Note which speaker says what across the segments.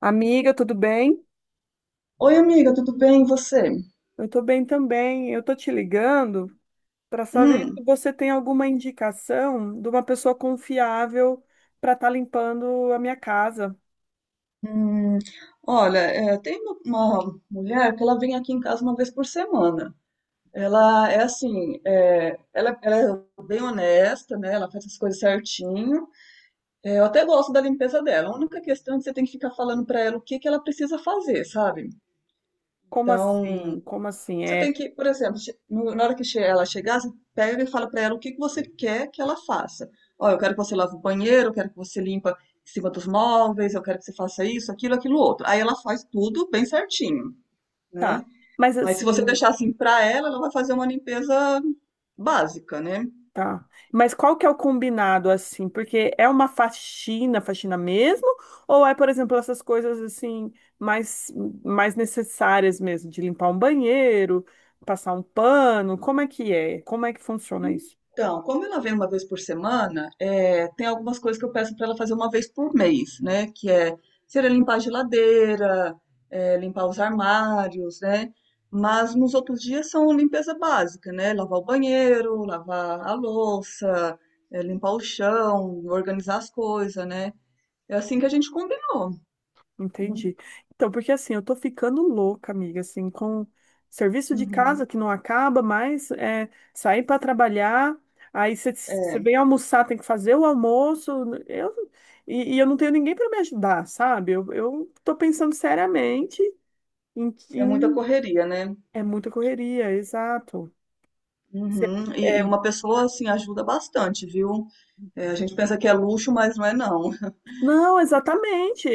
Speaker 1: Amiga, tudo bem?
Speaker 2: Oi, amiga, tudo bem? E você?
Speaker 1: Eu tô bem também. Eu tô te ligando para saber
Speaker 2: Hum,
Speaker 1: se você tem alguma indicação de uma pessoa confiável para estar limpando a minha casa.
Speaker 2: hum, olha, tem uma mulher que ela vem aqui em casa uma vez por semana. Ela é assim, ela é bem honesta, né? Ela faz as coisas certinho. É, eu até gosto da limpeza dela. A única questão é que você tem que ficar falando pra ela o que que ela precisa fazer, sabe?
Speaker 1: Como
Speaker 2: Então,
Speaker 1: assim? Como assim?
Speaker 2: você tem que, por exemplo, na hora que ela chegar, você pega e fala para ela o que que você quer que ela faça. Ó, eu quero que você lave o banheiro, eu quero que você limpa em cima dos móveis, eu quero que você faça isso, aquilo, aquilo outro. Aí ela faz tudo bem certinho, né?
Speaker 1: Tá. Mas
Speaker 2: Mas se você
Speaker 1: assim,
Speaker 2: deixar assim para ela, ela vai fazer uma limpeza básica, né?
Speaker 1: tá. Mas qual que é o combinado assim? Porque é uma faxina, faxina mesmo? Ou é, por exemplo, essas coisas assim mais mais necessárias mesmo, de limpar um banheiro, passar um pano? Como é que é? Como é que funciona isso?
Speaker 2: Então, como ela vem uma vez por semana, tem algumas coisas que eu peço para ela fazer uma vez por mês, né? Que é ser limpar a geladeira, limpar os armários, né? Mas nos outros dias são limpeza básica, né? Lavar o banheiro, lavar a louça, limpar o chão, organizar as coisas, né? É assim que a gente combinou. Né?
Speaker 1: Entendi. Então, porque assim, eu tô ficando louca, amiga, assim, com serviço de
Speaker 2: Uhum.
Speaker 1: casa que não acaba, mas é, sair para trabalhar, aí você
Speaker 2: É,
Speaker 1: vem almoçar, tem que fazer o almoço, eu, e eu não tenho ninguém para me ajudar, sabe? Eu tô pensando seriamente em,
Speaker 2: é muita
Speaker 1: em-
Speaker 2: correria, né?
Speaker 1: É muita correria, exato.
Speaker 2: Uhum, e uma pessoa assim ajuda bastante, viu? É, a gente pensa que é luxo, mas não é não.
Speaker 1: Não, exatamente. é-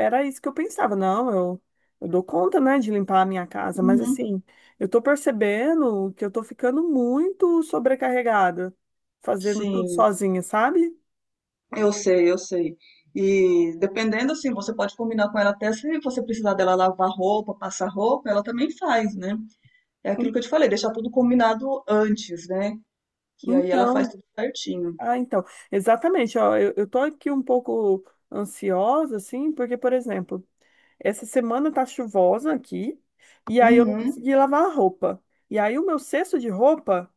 Speaker 1: é- Era isso que eu pensava. Não, eu dou conta, né, de limpar a minha casa, mas
Speaker 2: Uhum,
Speaker 1: assim, eu tô percebendo que eu tô ficando muito sobrecarregada, fazendo tudo
Speaker 2: sim,
Speaker 1: sozinha, sabe?
Speaker 2: eu sei, eu sei. E dependendo assim, você pode combinar com ela até se você precisar dela lavar roupa, passar roupa, ela também faz, né? É aquilo que
Speaker 1: En-
Speaker 2: eu te falei, deixar tudo combinado antes, né? Que aí ela
Speaker 1: Então,
Speaker 2: faz tudo certinho.
Speaker 1: ah, então, exatamente. Ó, eu tô aqui um pouco ansiosa, assim, porque, por exemplo, essa semana tá chuvosa aqui, e aí eu não
Speaker 2: Uhum,
Speaker 1: consegui lavar a roupa. E aí o meu cesto de roupa.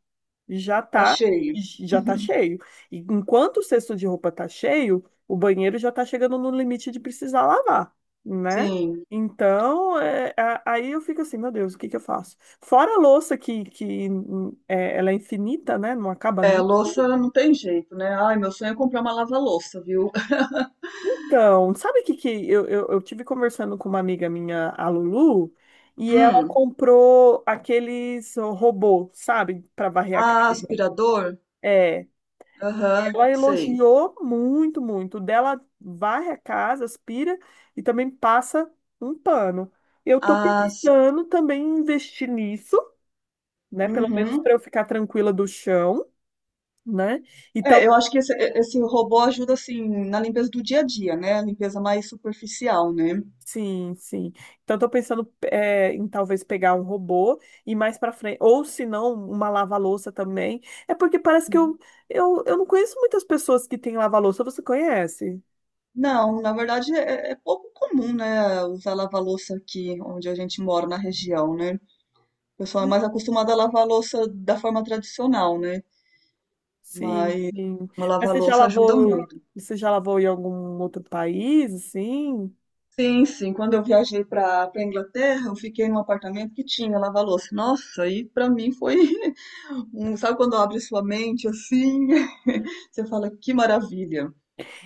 Speaker 1: já
Speaker 2: tá
Speaker 1: tá
Speaker 2: cheio.
Speaker 1: já tá cheio. E enquanto o cesto de roupa tá cheio, o banheiro já tá chegando no limite de precisar lavar, né?
Speaker 2: Sim.
Speaker 1: Então, é, aí eu fico assim, meu Deus, o que que eu faço? Fora a louça que, que ela é infinita, né? Não acaba
Speaker 2: É,
Speaker 1: nunca.
Speaker 2: louça não tem jeito, né? Ai, meu sonho é comprar uma lava-louça, viu?
Speaker 1: Então, sabe o que que eu, eu tive conversando com uma amiga minha, a Lulu, e ela
Speaker 2: Hum,
Speaker 1: comprou aqueles robôs, sabe, para varrer a casa.
Speaker 2: ah, aspirador?
Speaker 1: É,
Speaker 2: Aham,
Speaker 1: Ela
Speaker 2: sei.
Speaker 1: elogiou muito, muito. O Dela varre a casa, aspira e também passa um pano. Eu tô
Speaker 2: Ah,
Speaker 1: pensando também em investir nisso, né? Pelo menos para
Speaker 2: uhum.
Speaker 1: eu ficar tranquila do chão, né? Então,
Speaker 2: É, eu acho que esse robô ajuda assim na limpeza do dia a dia, né? A limpeza mais superficial, né?
Speaker 1: sim, sim. Então, eu tô pensando em talvez pegar um robô e mais para frente, ou se não, uma lava-louça também. É porque parece que eu, eu não conheço muitas pessoas que têm lava-louça. Você conhece?
Speaker 2: Não, na verdade é pouco comum, né? Usar lava-louça aqui onde a gente mora na região, né? O pessoal é mais acostumado a lavar a louça da forma tradicional, né?
Speaker 1: Sim,
Speaker 2: Mas
Speaker 1: sim.
Speaker 2: uma
Speaker 1: Mas
Speaker 2: lava-louça ajuda muito.
Speaker 1: você já lavou em algum outro país, assim?
Speaker 2: Sim, sim. Quando eu viajei para Inglaterra, eu fiquei num apartamento que tinha lava-louça. Nossa, aí para mim foi um, sabe quando abre sua mente assim? Você fala, que maravilha.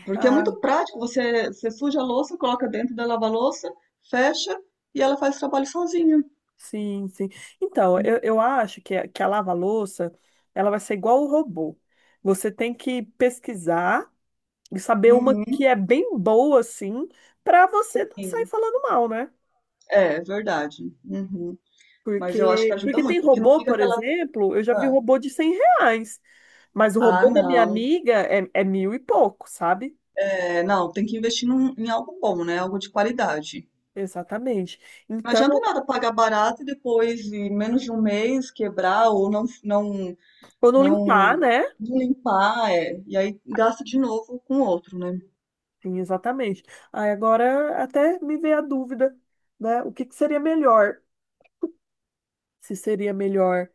Speaker 2: Porque é
Speaker 1: Ah,
Speaker 2: muito prático, você, você suja a louça, coloca dentro da lava-louça, fecha e ela faz o trabalho sozinha.
Speaker 1: sim, sim. Então, eu acho que, que a lava-louça, ela vai ser igual o robô. Você tem que pesquisar e saber uma que
Speaker 2: Uhum,
Speaker 1: é bem boa, assim, para você não sair
Speaker 2: sim.
Speaker 1: falando mal, né?
Speaker 2: É verdade. Uhum. Mas eu acho que
Speaker 1: Porque,
Speaker 2: ajuda
Speaker 1: porque tem
Speaker 2: muito, porque não
Speaker 1: robô,
Speaker 2: fica
Speaker 1: por
Speaker 2: aquela.
Speaker 1: exemplo, eu já vi
Speaker 2: Ah,
Speaker 1: robô de 100 reais, mas o
Speaker 2: ah,
Speaker 1: robô da minha
Speaker 2: não.
Speaker 1: amiga é mil e pouco, sabe?
Speaker 2: É, não, tem que investir em algo bom, né? Algo de qualidade.
Speaker 1: Exatamente.
Speaker 2: Não
Speaker 1: Então.
Speaker 2: adianta nada pagar barato e depois, em menos de um mês, quebrar ou não, não,
Speaker 1: Quando
Speaker 2: não,
Speaker 1: limpar, né?
Speaker 2: não limpar, é, e aí gasta de novo com outro, né?
Speaker 1: Sim, exatamente. Aí agora até me veio a dúvida, né? O que que seria melhor? Se seria melhor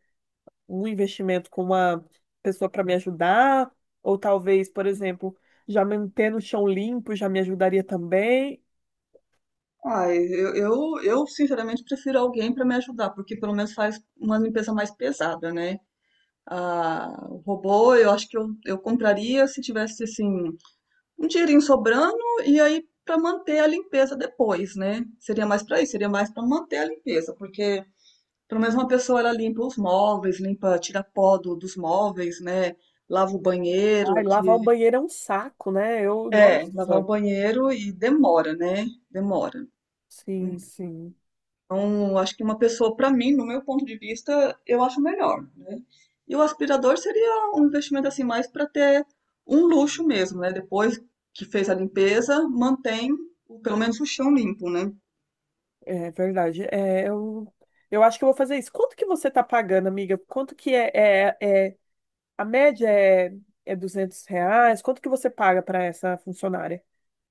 Speaker 1: um investimento com uma pessoa para me ajudar, ou talvez, por exemplo, já manter no chão limpo já me ajudaria também.
Speaker 2: Ah, eu sinceramente prefiro alguém para me ajudar, porque pelo menos faz uma limpeza mais pesada, né? Ah, o robô, eu acho que eu compraria se tivesse assim um dinheirinho sobrando e aí para manter a limpeza depois, né? Seria mais para isso, seria mais para manter a limpeza, porque pelo menos uma pessoa ela limpa os móveis, limpa, tira pó do- dos móveis, né? Lava o
Speaker 1: Ai,
Speaker 2: banheiro,
Speaker 1: lavar o banheiro é um saco, né? Eu,
Speaker 2: lavar o
Speaker 1: nossa,
Speaker 2: banheiro e demora, né? Demora.
Speaker 1: sim, sim,
Speaker 2: Então, acho que uma pessoa, para mim, no meu ponto de vista, eu acho melhor, né? E o aspirador seria um investimento assim mais para ter um luxo mesmo, né? Depois que fez a limpeza, mantém o- pelo menos o chão limpo, né?
Speaker 1: é verdade. É, eu acho que eu vou fazer isso. Quanto que você tá pagando, amiga? Quanto que é a média é 200 reais. Quanto que você paga para essa funcionária?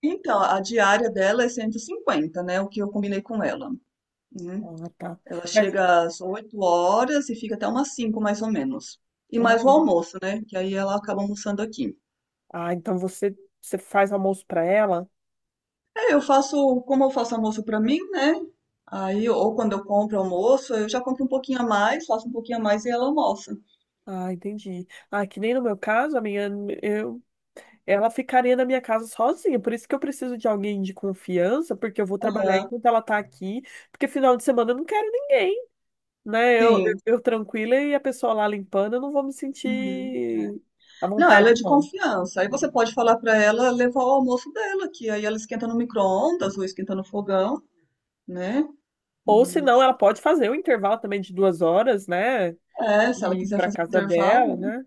Speaker 2: Então, a diária dela é 150, né? O que eu combinei com ela, né?
Speaker 1: Ah, tá.
Speaker 2: Ela
Speaker 1: Mas,
Speaker 2: chega às 8 horas e fica até umas 5, mais ou menos. E
Speaker 1: ah,
Speaker 2: mais o almoço, né? Que aí ela acaba almoçando aqui.
Speaker 1: ah, então você, você faz almoço para ela?
Speaker 2: É, eu faço, como eu faço almoço para mim, né? Aí, ou quando eu compro almoço, eu já compro um pouquinho a mais, faço um pouquinho a mais e ela almoça.
Speaker 1: Ah, entendi. Ah, que nem no meu caso, eu, ela ficaria na minha casa sozinha. Por isso que eu preciso de alguém de confiança, porque eu vou trabalhar
Speaker 2: Aham,
Speaker 1: enquanto ela tá aqui. Porque final de semana eu não quero ninguém, né? Eu, eu,
Speaker 2: sim.
Speaker 1: eu tranquila e a pessoa lá limpando, eu não vou me
Speaker 2: Uhum, é.
Speaker 1: sentir à
Speaker 2: Não, ela é
Speaker 1: vontade,
Speaker 2: de
Speaker 1: não.
Speaker 2: confiança. Aí você pode falar para ela levar o almoço dela, que aí ela esquenta no micro-ondas ou esquenta no fogão, né?
Speaker 1: Ou se
Speaker 2: Hum,
Speaker 1: não, ela pode fazer um intervalo também de 2 horas, né?
Speaker 2: é, se ela
Speaker 1: E ir
Speaker 2: quiser
Speaker 1: para
Speaker 2: fazer um
Speaker 1: casa
Speaker 2: intervalo,
Speaker 1: dela,
Speaker 2: né?
Speaker 1: né?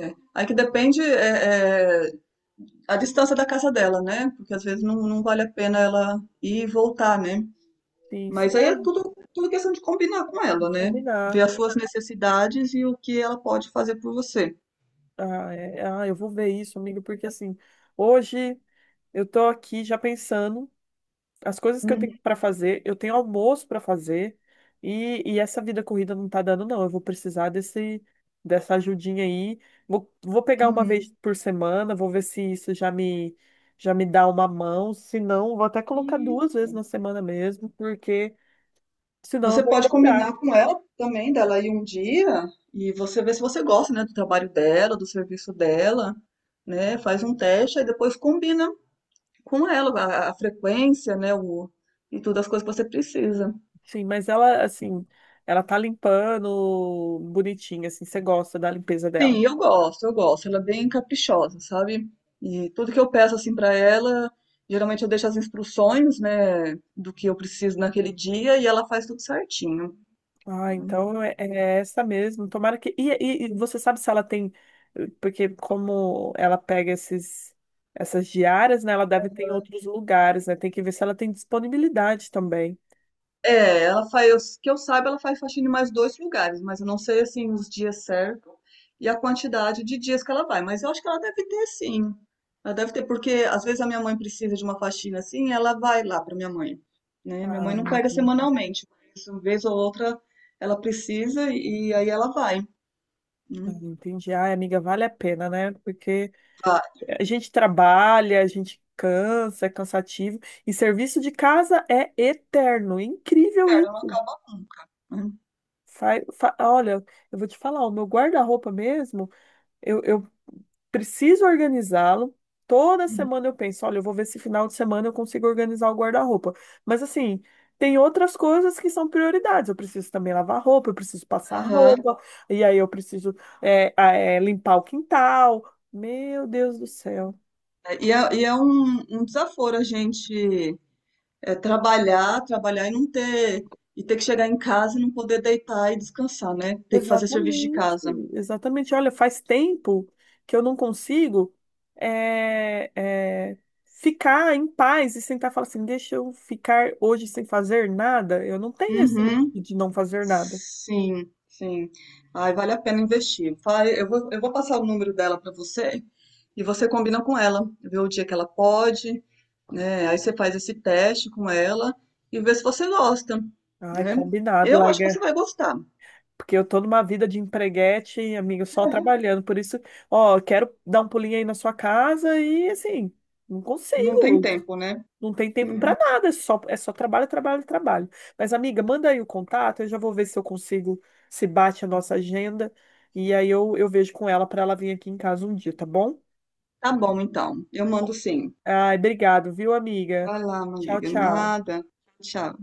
Speaker 2: É. Aí que depende a distância da casa dela, né? Porque às vezes não, não vale a pena ela ir e voltar, né?
Speaker 1: Sim, sim.
Speaker 2: Mas aí é
Speaker 1: Ai, vou
Speaker 2: tudo, tudo questão de combinar com ela, né? Ver
Speaker 1: combinar.
Speaker 2: as suas necessidades e o que ela pode fazer por você.
Speaker 1: Ah, eu vou ver isso, amigo, porque assim, hoje eu tô aqui já pensando as coisas que eu
Speaker 2: Uhum,
Speaker 1: tenho para fazer, eu tenho almoço para fazer e essa vida corrida não tá dando, não. Eu vou precisar desse dessa ajudinha aí. Vou pegar uma vez
Speaker 2: uhum.
Speaker 1: por semana, vou ver se isso já me dá uma mão, se não, vou até colocar
Speaker 2: E
Speaker 1: duas vezes na semana mesmo, porque senão eu
Speaker 2: você
Speaker 1: vou
Speaker 2: pode
Speaker 1: endoidar.
Speaker 2: combinar com ela também, dela ir um dia e você ver se você gosta, né, do trabalho dela, do serviço dela, né? Faz um teste e depois combina com ela a frequência, né, o, e todas as coisas que você precisa.
Speaker 1: Sim, mas ela, assim, ela tá limpando bonitinha, assim, você gosta da limpeza dela.
Speaker 2: Sim, eu gosto, eu gosto. Ela é bem caprichosa, sabe? E tudo que eu peço assim pra ela, geralmente eu deixo as instruções, né, do que eu preciso naquele dia e ela faz tudo certinho.
Speaker 1: Ah, então é essa mesmo. Tomara que. E você sabe se ela tem. Porque como ela pega essas diárias, né? Ela deve ter em outros lugares, né? Tem que ver se ela tem disponibilidade também.
Speaker 2: É, ela faz, que eu saiba, ela faz faxina em mais dois lugares, mas eu não sei assim os dias certos e a quantidade de dias que ela vai, mas eu acho que ela deve ter sim. Ela deve ter, porque às vezes a minha mãe precisa de uma faxina assim, ela vai lá para minha mãe, né? Minha
Speaker 1: Ah,
Speaker 2: mãe não pega
Speaker 1: entendi.
Speaker 2: semanalmente, mas uma vez ou outra ela precisa e aí ela vai.
Speaker 1: Ah,
Speaker 2: Né?
Speaker 1: entendi. Ai, amiga, vale a pena, né? Porque
Speaker 2: Vai,
Speaker 1: a gente trabalha, a gente cansa, é cansativo. E serviço de casa é eterno. Incrível
Speaker 2: cara, não
Speaker 1: isso.
Speaker 2: acaba nunca. Né?
Speaker 1: Olha, eu vou te falar, o meu guarda-roupa mesmo, eu preciso organizá-lo. Toda semana eu penso, olha, eu vou ver se final de semana eu consigo organizar o guarda-roupa. Mas assim, tem outras coisas que são prioridades. Eu preciso também lavar roupa, eu preciso passar
Speaker 2: Aham.
Speaker 1: roupa, e aí eu preciso limpar o quintal. Meu Deus do céu.
Speaker 2: E é um, um desaforo a gente é trabalhar, trabalhar e não ter, e ter que chegar em casa e não poder deitar e descansar, né? Ter que fazer serviço de
Speaker 1: Exatamente,
Speaker 2: casa.
Speaker 1: exatamente. Olha, faz tempo que eu não consigo é, é, ficar em paz e sentar e falar assim, deixa eu ficar hoje sem fazer nada. Eu não tenho esse luxo
Speaker 2: Uhum.
Speaker 1: de não fazer nada.
Speaker 2: Sim, sim. Ai, vale a pena investir. Vai, eu vou passar o número dela para você e você combina com ela, vê o dia que ela pode, né? Aí você faz esse teste com ela e vê se você gosta,
Speaker 1: Ai,
Speaker 2: né?
Speaker 1: combinado,
Speaker 2: Eu acho que você
Speaker 1: larga.
Speaker 2: vai gostar.
Speaker 1: Porque eu tô numa vida de empreguete, amigo, só trabalhando. Por isso, ó, quero dar um pulinho aí na sua casa e assim, não
Speaker 2: Não tem
Speaker 1: consigo.
Speaker 2: tempo, né?
Speaker 1: Não tem tempo para nada, é só trabalho, trabalho, trabalho. Mas, amiga, manda aí o contato, eu já vou ver se eu consigo, se bate a nossa agenda. E aí eu vejo com ela para ela vir aqui em casa um dia, tá bom?
Speaker 2: Tá bom, então. Eu mando sim.
Speaker 1: Ai, obrigado, viu, amiga?
Speaker 2: Vai lá,
Speaker 1: Tchau,
Speaker 2: amiga.
Speaker 1: tchau.
Speaker 2: Nada. Tchau.